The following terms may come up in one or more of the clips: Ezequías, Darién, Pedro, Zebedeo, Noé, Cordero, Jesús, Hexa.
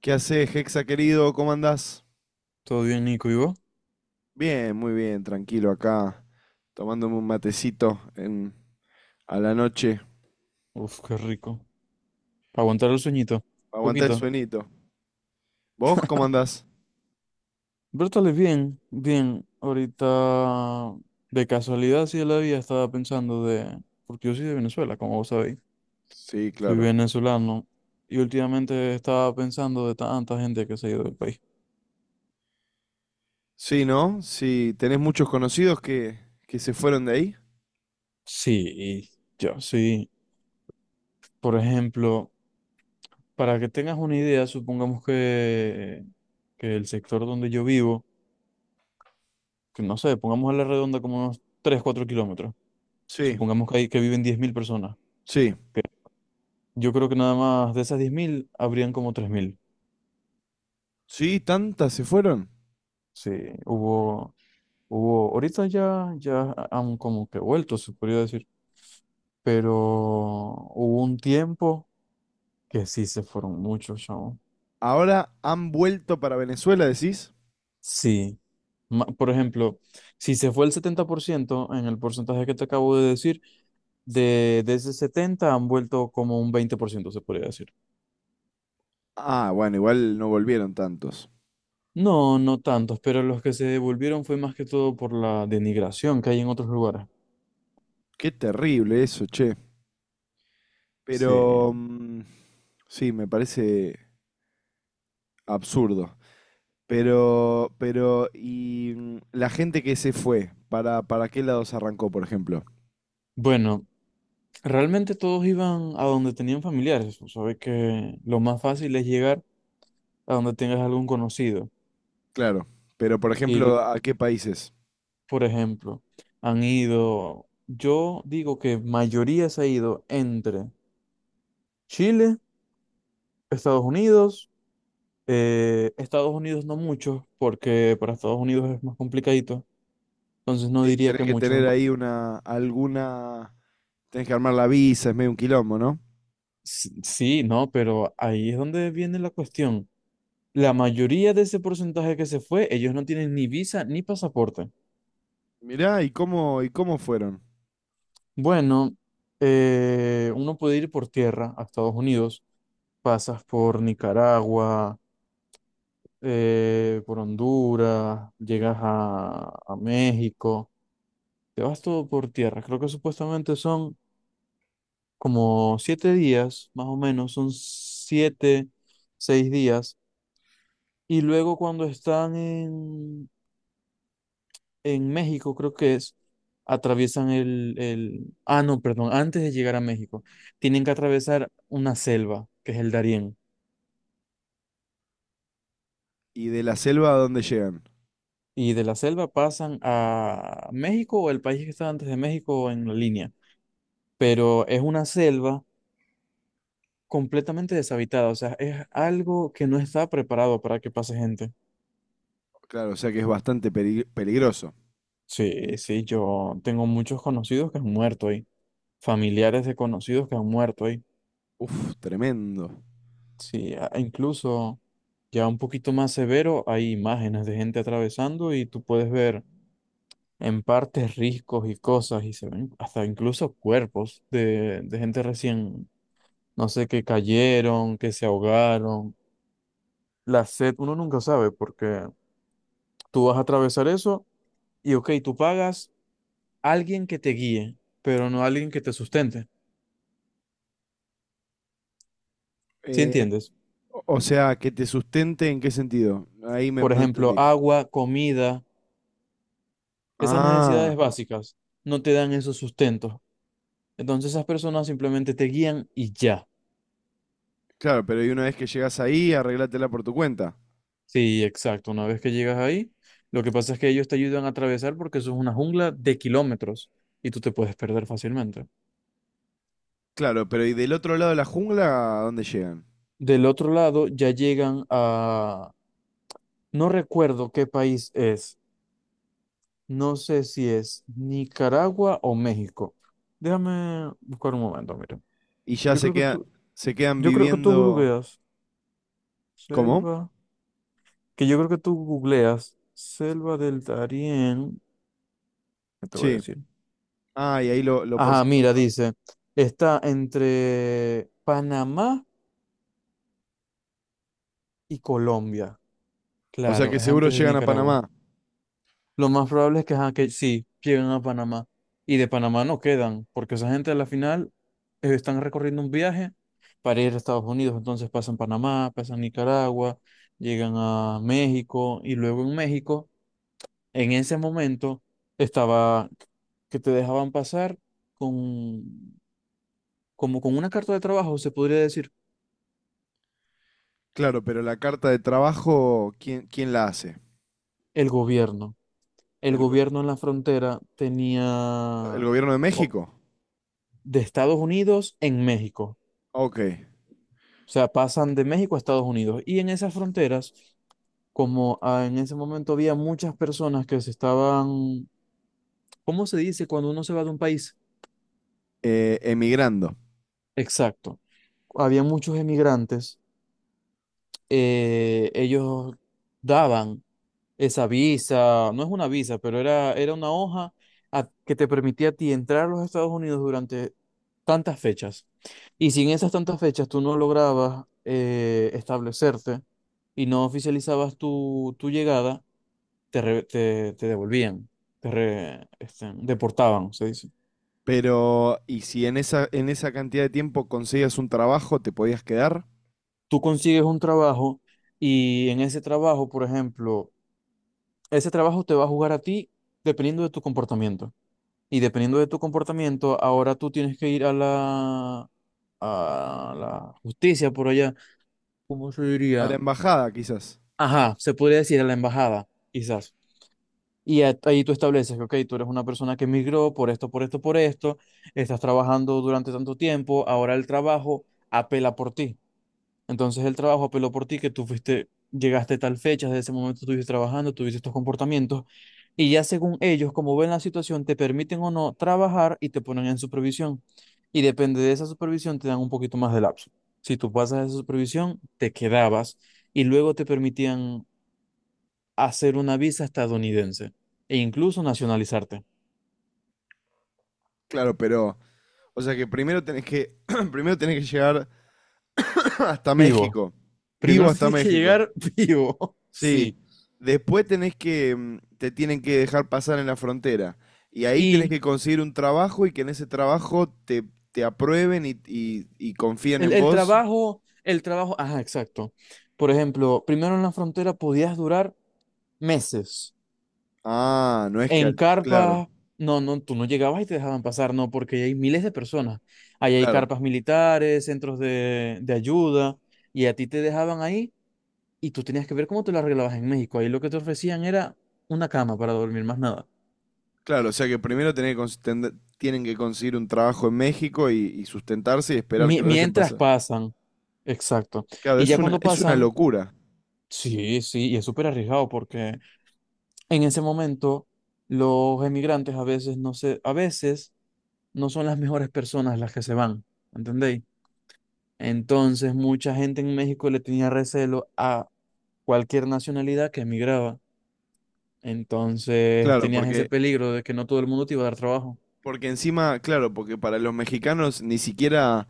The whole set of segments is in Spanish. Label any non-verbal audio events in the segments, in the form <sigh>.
¿Qué haces, Hexa querido? ¿Cómo andás? Todo bien, Nico, ¿y vos? Bien, muy bien, tranquilo acá, tomándome un matecito en, a la noche, Uf, qué rico. Para aguantar el sueñito. para aguantar el Poquito. sueñito. ¿Vos cómo andás? Pero estale bien, bien. Ahorita, de casualidad, sí de la vida estaba pensando de... Porque yo soy de Venezuela, como vos sabéis. Sí, Soy claro. venezolano. Y últimamente estaba pensando de tanta gente que se ha ido del país. Sí, ¿no? Sí, ¿tenés muchos conocidos que se fueron de ahí? Sí, y yo, sí. Por ejemplo, para que tengas una idea, supongamos que el sector donde yo vivo, que no sé, pongamos a la redonda como unos 3 4 kilómetros. Sí, Supongamos que, hay, que viven 10.000 personas. sí. que Yo creo que nada más de esas 10.000 habrían como 3.000. Sí, tantas se fueron. Sí, hubo, hubo, ahorita ya, ya han como que vuelto, se podría decir, pero hubo un tiempo que sí se fueron muchos, chavo. Ahora han vuelto para Venezuela, decís. Sí, por ejemplo, si se fue el 70% en el porcentaje que te acabo de decir, de ese 70 han vuelto como un 20%, se podría decir. Ah, bueno, igual no volvieron tantos. No, no tantos, pero los que se devolvieron fue más que todo por la denigración que hay en otros lugares. Qué terrible eso, che. Sí. Pero mm, sí, me parece absurdo. La gente que se fue, ¿para qué lados arrancó, por ejemplo? Bueno, realmente todos iban a donde tenían familiares. Sabes que lo más fácil es llegar a donde tengas algún conocido. Claro, pero por Y, ejemplo, ¿a qué países? por ejemplo, han ido, yo digo que mayoría se ha ido entre Chile, Estados Unidos, Estados Unidos no muchos, porque para Estados Unidos es más complicadito. Entonces no Sí, diría tenés que que muchos. tener ahí una, alguna, tenés que armar la visa, es medio un quilombo, ¿no? Sí, no, pero ahí es donde viene la cuestión. La mayoría de ese porcentaje que se fue, ellos no tienen ni visa ni pasaporte. Mirá, ¿y cómo fueron? Bueno, uno puede ir por tierra a Estados Unidos, pasas por Nicaragua, por Honduras, llegas a México, te vas todo por tierra. Creo que supuestamente son como 7 días, más o menos, son 7, 6 días. Y luego cuando están en México, creo que es, atraviesan el... Ah, no, perdón, antes de llegar a México, tienen que atravesar una selva, que es el Darién. ¿Y de la selva a dónde llegan? Y de la selva pasan a México o el país que está antes de México en la línea. Pero es una selva completamente deshabitada, o sea, es algo que no está preparado para que pase gente. Claro, o sea que es bastante peligroso. Sí, sí, yo tengo muchos conocidos que han muerto ahí, familiares de conocidos que han muerto ahí. Uf, tremendo. Sí, e incluso ya un poquito más severo, hay imágenes de gente atravesando y tú puedes ver en partes riscos y cosas y se ven hasta incluso cuerpos de gente recién, no sé, que cayeron, que se ahogaron. La sed, uno nunca sabe porque tú vas a atravesar eso y ok, tú pagas a alguien que te guíe, pero no a alguien que te sustente. ¿Sí Eh, entiendes? o sea, que te sustente ¿en qué sentido? Ahí me, Por no ejemplo, entendí. agua, comida, esas Ah. necesidades básicas no te dan esos sustentos. Entonces esas personas simplemente te guían y ya. Claro, pero y una vez que llegas ahí, arreglátela por tu cuenta. Sí, exacto. Una vez que llegas ahí, lo que pasa es que ellos te ayudan a atravesar porque eso es una jungla de kilómetros y tú te puedes perder fácilmente. Claro, pero y del otro lado de la jungla, ¿a dónde llegan? Del otro lado ya llegan a... No recuerdo qué país es. No sé si es Nicaragua o México. Déjame buscar un momento, mira. Y ya Yo se creo que queda, tú, se quedan yo creo que tú viviendo. googleas ¿Cómo? selva, que yo creo que tú googleas selva del Darién, ¿qué te voy a Sí. decir? Ah, y ahí lo puedes Ajá, mira, encontrar. dice, está entre Panamá y Colombia. O sea Claro, que es seguro antes de llegan a Nicaragua. Panamá. Lo más probable es que, ajá, que sí, lleguen a Panamá. Y de Panamá no quedan, porque esa gente a la final están recorriendo un viaje para ir a Estados Unidos. Entonces pasan Panamá, pasan Nicaragua, llegan a México y luego en México, en ese momento, estaba que te dejaban pasar con, como con una carta de trabajo, se podría decir, Claro, pero la carta de trabajo, ¿quién la hace? el gobierno. El ¿El, go- gobierno en la frontera el tenía gobierno de o- México? de Estados Unidos en México. Ok. O sea, pasan de México a Estados Unidos. Y en esas fronteras, como ah, en ese momento había muchas personas que se estaban, ¿cómo se dice cuando uno se va de un país? Emigrando. Exacto. Había muchos emigrantes. Ellos daban esa visa, no es una visa, pero era, era una hoja que te permitía a ti entrar a los Estados Unidos durante tantas fechas. Y si en esas tantas fechas tú no lograbas establecerte y no oficializabas tu, tu llegada, te, te, te devolvían, te este, deportaban, se dice. Pero, ¿y si en esa cantidad de tiempo conseguías un trabajo, te podías quedar? Tú consigues un trabajo y en ese trabajo, por ejemplo, ese trabajo te va a jugar a ti dependiendo de tu comportamiento. Y dependiendo de tu comportamiento, ahora tú tienes que ir a la justicia por allá, ¿cómo se A la diría? embajada, quizás. Ajá, se podría decir a la embajada, quizás. Ahí tú estableces que, ok, tú eres una persona que emigró por esto, por esto, por esto, estás trabajando durante tanto tiempo, ahora el trabajo apela por ti. Entonces el trabajo apeló por ti, que tú fuiste, llegaste tal fecha, desde ese momento estuviste trabajando, tuviste estos comportamientos, y ya según ellos, como ven la situación, te permiten o no trabajar y te ponen en supervisión. Y depende de esa supervisión, te dan un poquito más de lapso. Si tú pasas esa supervisión, te quedabas y luego te permitían hacer una visa estadounidense e incluso nacionalizarte Claro, pero o sea que primero tenés que, <clears throat> primero tenés que llegar <clears throat> hasta vivo. México. Vivo Primero <laughs> hasta tienes que México. llegar vivo, Sí. sí. Después tenés que, te tienen que dejar pasar en la frontera. Y ahí tenés Y que conseguir un trabajo y que en ese trabajo te, te aprueben y confíen el, en el vos. trabajo, el trabajo, ajá, exacto. Por ejemplo, primero en la frontera podías durar meses. Ah, no es que... En al- Claro, carpas, no, no, tú no llegabas y te dejaban pasar, no, porque ahí hay miles de personas. Ahí hay claro, carpas militares, centros de ayuda, y a ti te dejaban ahí y tú tenías que ver cómo te lo arreglabas en México. Ahí lo que te ofrecían era una cama para dormir, más nada. claro. O sea que primero tenés que tienen que conseguir un trabajo en México y sustentarse y esperar que lo dejen Mientras pasar. pasan, exacto. Claro, Y ya cuando es una pasan, locura. sí, sí, y es súper arriesgado porque en ese momento los emigrantes a veces no se, a veces no son las mejores personas las que se van, ¿entendéis? Entonces mucha gente en México le tenía recelo a cualquier nacionalidad que emigraba. Entonces Claro, tenías porque ese peligro de que no todo el mundo te iba a dar trabajo. porque encima, claro, porque para los mexicanos ni siquiera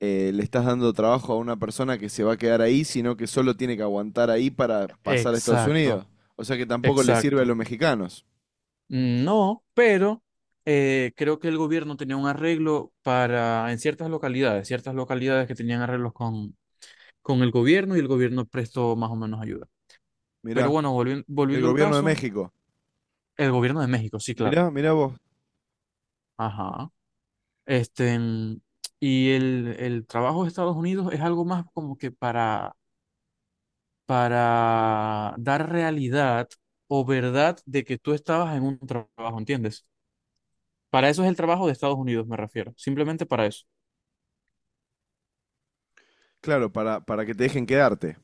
le estás dando trabajo a una persona que se va a quedar ahí, sino que solo tiene que aguantar ahí para pasar a Estados Exacto, Unidos. O sea que tampoco le sirve a exacto. los mexicanos. No, pero creo que el gobierno tenía un arreglo para en ciertas localidades que tenían arreglos con el gobierno y el gobierno prestó más o menos ayuda. Pero Mirá, bueno, el volviendo al gobierno de caso, México. el gobierno de México, sí, claro. Mirá, mirá vos. Ajá. Este, y el trabajo de Estados Unidos es algo más como que para dar realidad o verdad de que tú estabas en un trabajo, ¿entiendes? Para eso es el trabajo de Estados Unidos, me refiero, simplemente para eso. Claro, para que te dejen quedarte.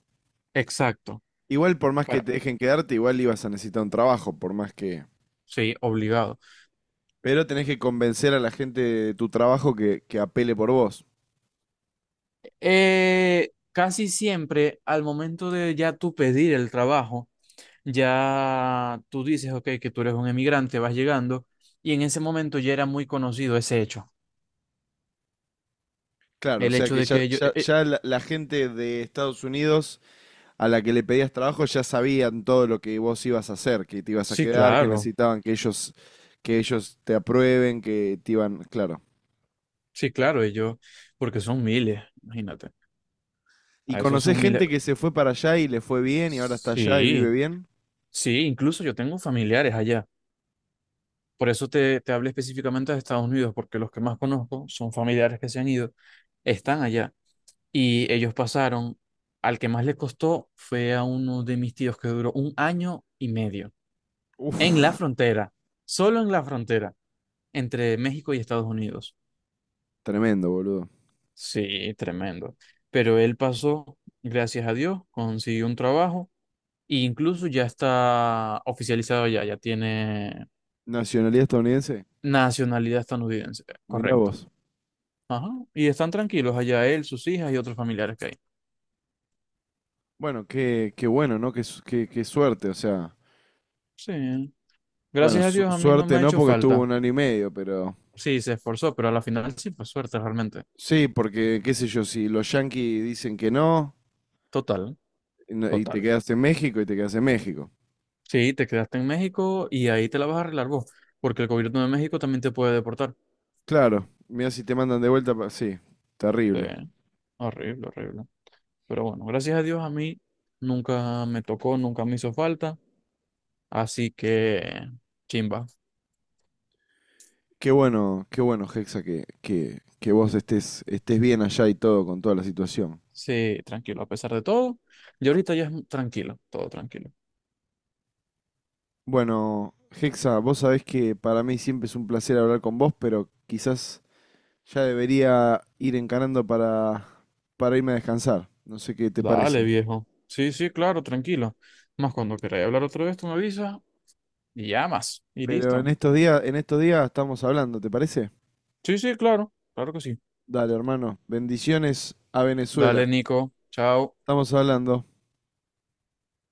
Exacto. Igual por más que te Bueno, dejen quedarte, igual ibas a necesitar un trabajo, por más que... sí, obligado. Pero tenés que convencer a la gente de tu trabajo que apele por vos. Casi siempre al momento de ya tú pedir el trabajo, ya tú dices, ok, que tú eres un emigrante, vas llegando, y en ese momento ya era muy conocido ese hecho. Claro, o El sea hecho que de ya, que ellos... ya, ya la gente de Estados Unidos a la que le pedías trabajo ya sabían todo lo que vos ibas a hacer, que te ibas a sí, quedar, que claro, necesitaban que ellos te aprueben, que te iban, claro. sí, claro, ellos, porque son miles, imagínate. ¿Y A esos conocés son miles. gente que se fue para allá y le fue bien y ahora está allá y vive Sí, bien? sí, incluso yo tengo familiares allá. Por eso te, te hablé específicamente de Estados Unidos, porque los que más conozco son familiares que se han ido, están allá. Y ellos pasaron, al que más le costó fue a uno de mis tíos que duró 1 año y medio en la Uf, frontera, solo en la frontera, entre México y Estados Unidos. tremendo, boludo. Sí, tremendo. Pero él pasó, gracias a Dios, consiguió un trabajo e incluso ya está oficializado ya, ya tiene Nacionalidad estadounidense, nacionalidad estadounidense, mirá correcto. vos. Ajá. Y están tranquilos allá él, sus hijas y otros familiares que hay. Bueno, qué, qué bueno, ¿no? Qué, su- qué- qué suerte, o sea. Sí. Bueno, Gracias a su- Dios a mí no me suerte ha no hecho porque estuvo falta. un año y medio, pero... Sí, se esforzó, pero a la final sí fue suerte realmente. Sí, porque qué sé yo, si los yanquis dicen que no, Total, no- y te total. quedas en México y te quedas en México. Sí, te quedaste en México y ahí te la vas a arreglar vos, porque el gobierno de México también te puede deportar. Claro, mira si te mandan de vuelta, pa- sí, Sí, terrible. horrible, horrible. Pero bueno, gracias a Dios a mí nunca me tocó, nunca me hizo falta, así que chimba. Qué bueno, Hexa, que vos estés, estés bien allá y todo con toda la situación. Sí, tranquilo, a pesar de todo. Y ahorita ya es tranquilo, todo tranquilo. Bueno, Hexa, vos sabés que para mí siempre es un placer hablar con vos, pero quizás ya debería ir encarando para irme a descansar. No sé qué te Dale, parece. viejo. Sí, sí, claro, tranquilo. Más cuando queráis hablar otra vez, tú me avisas y llamas y Pero listo. En estos días estamos hablando, ¿te parece? Sí, sí, claro, claro que sí. Dale, hermano. Bendiciones a Dale, Venezuela. Nico. Chao. Estamos hablando.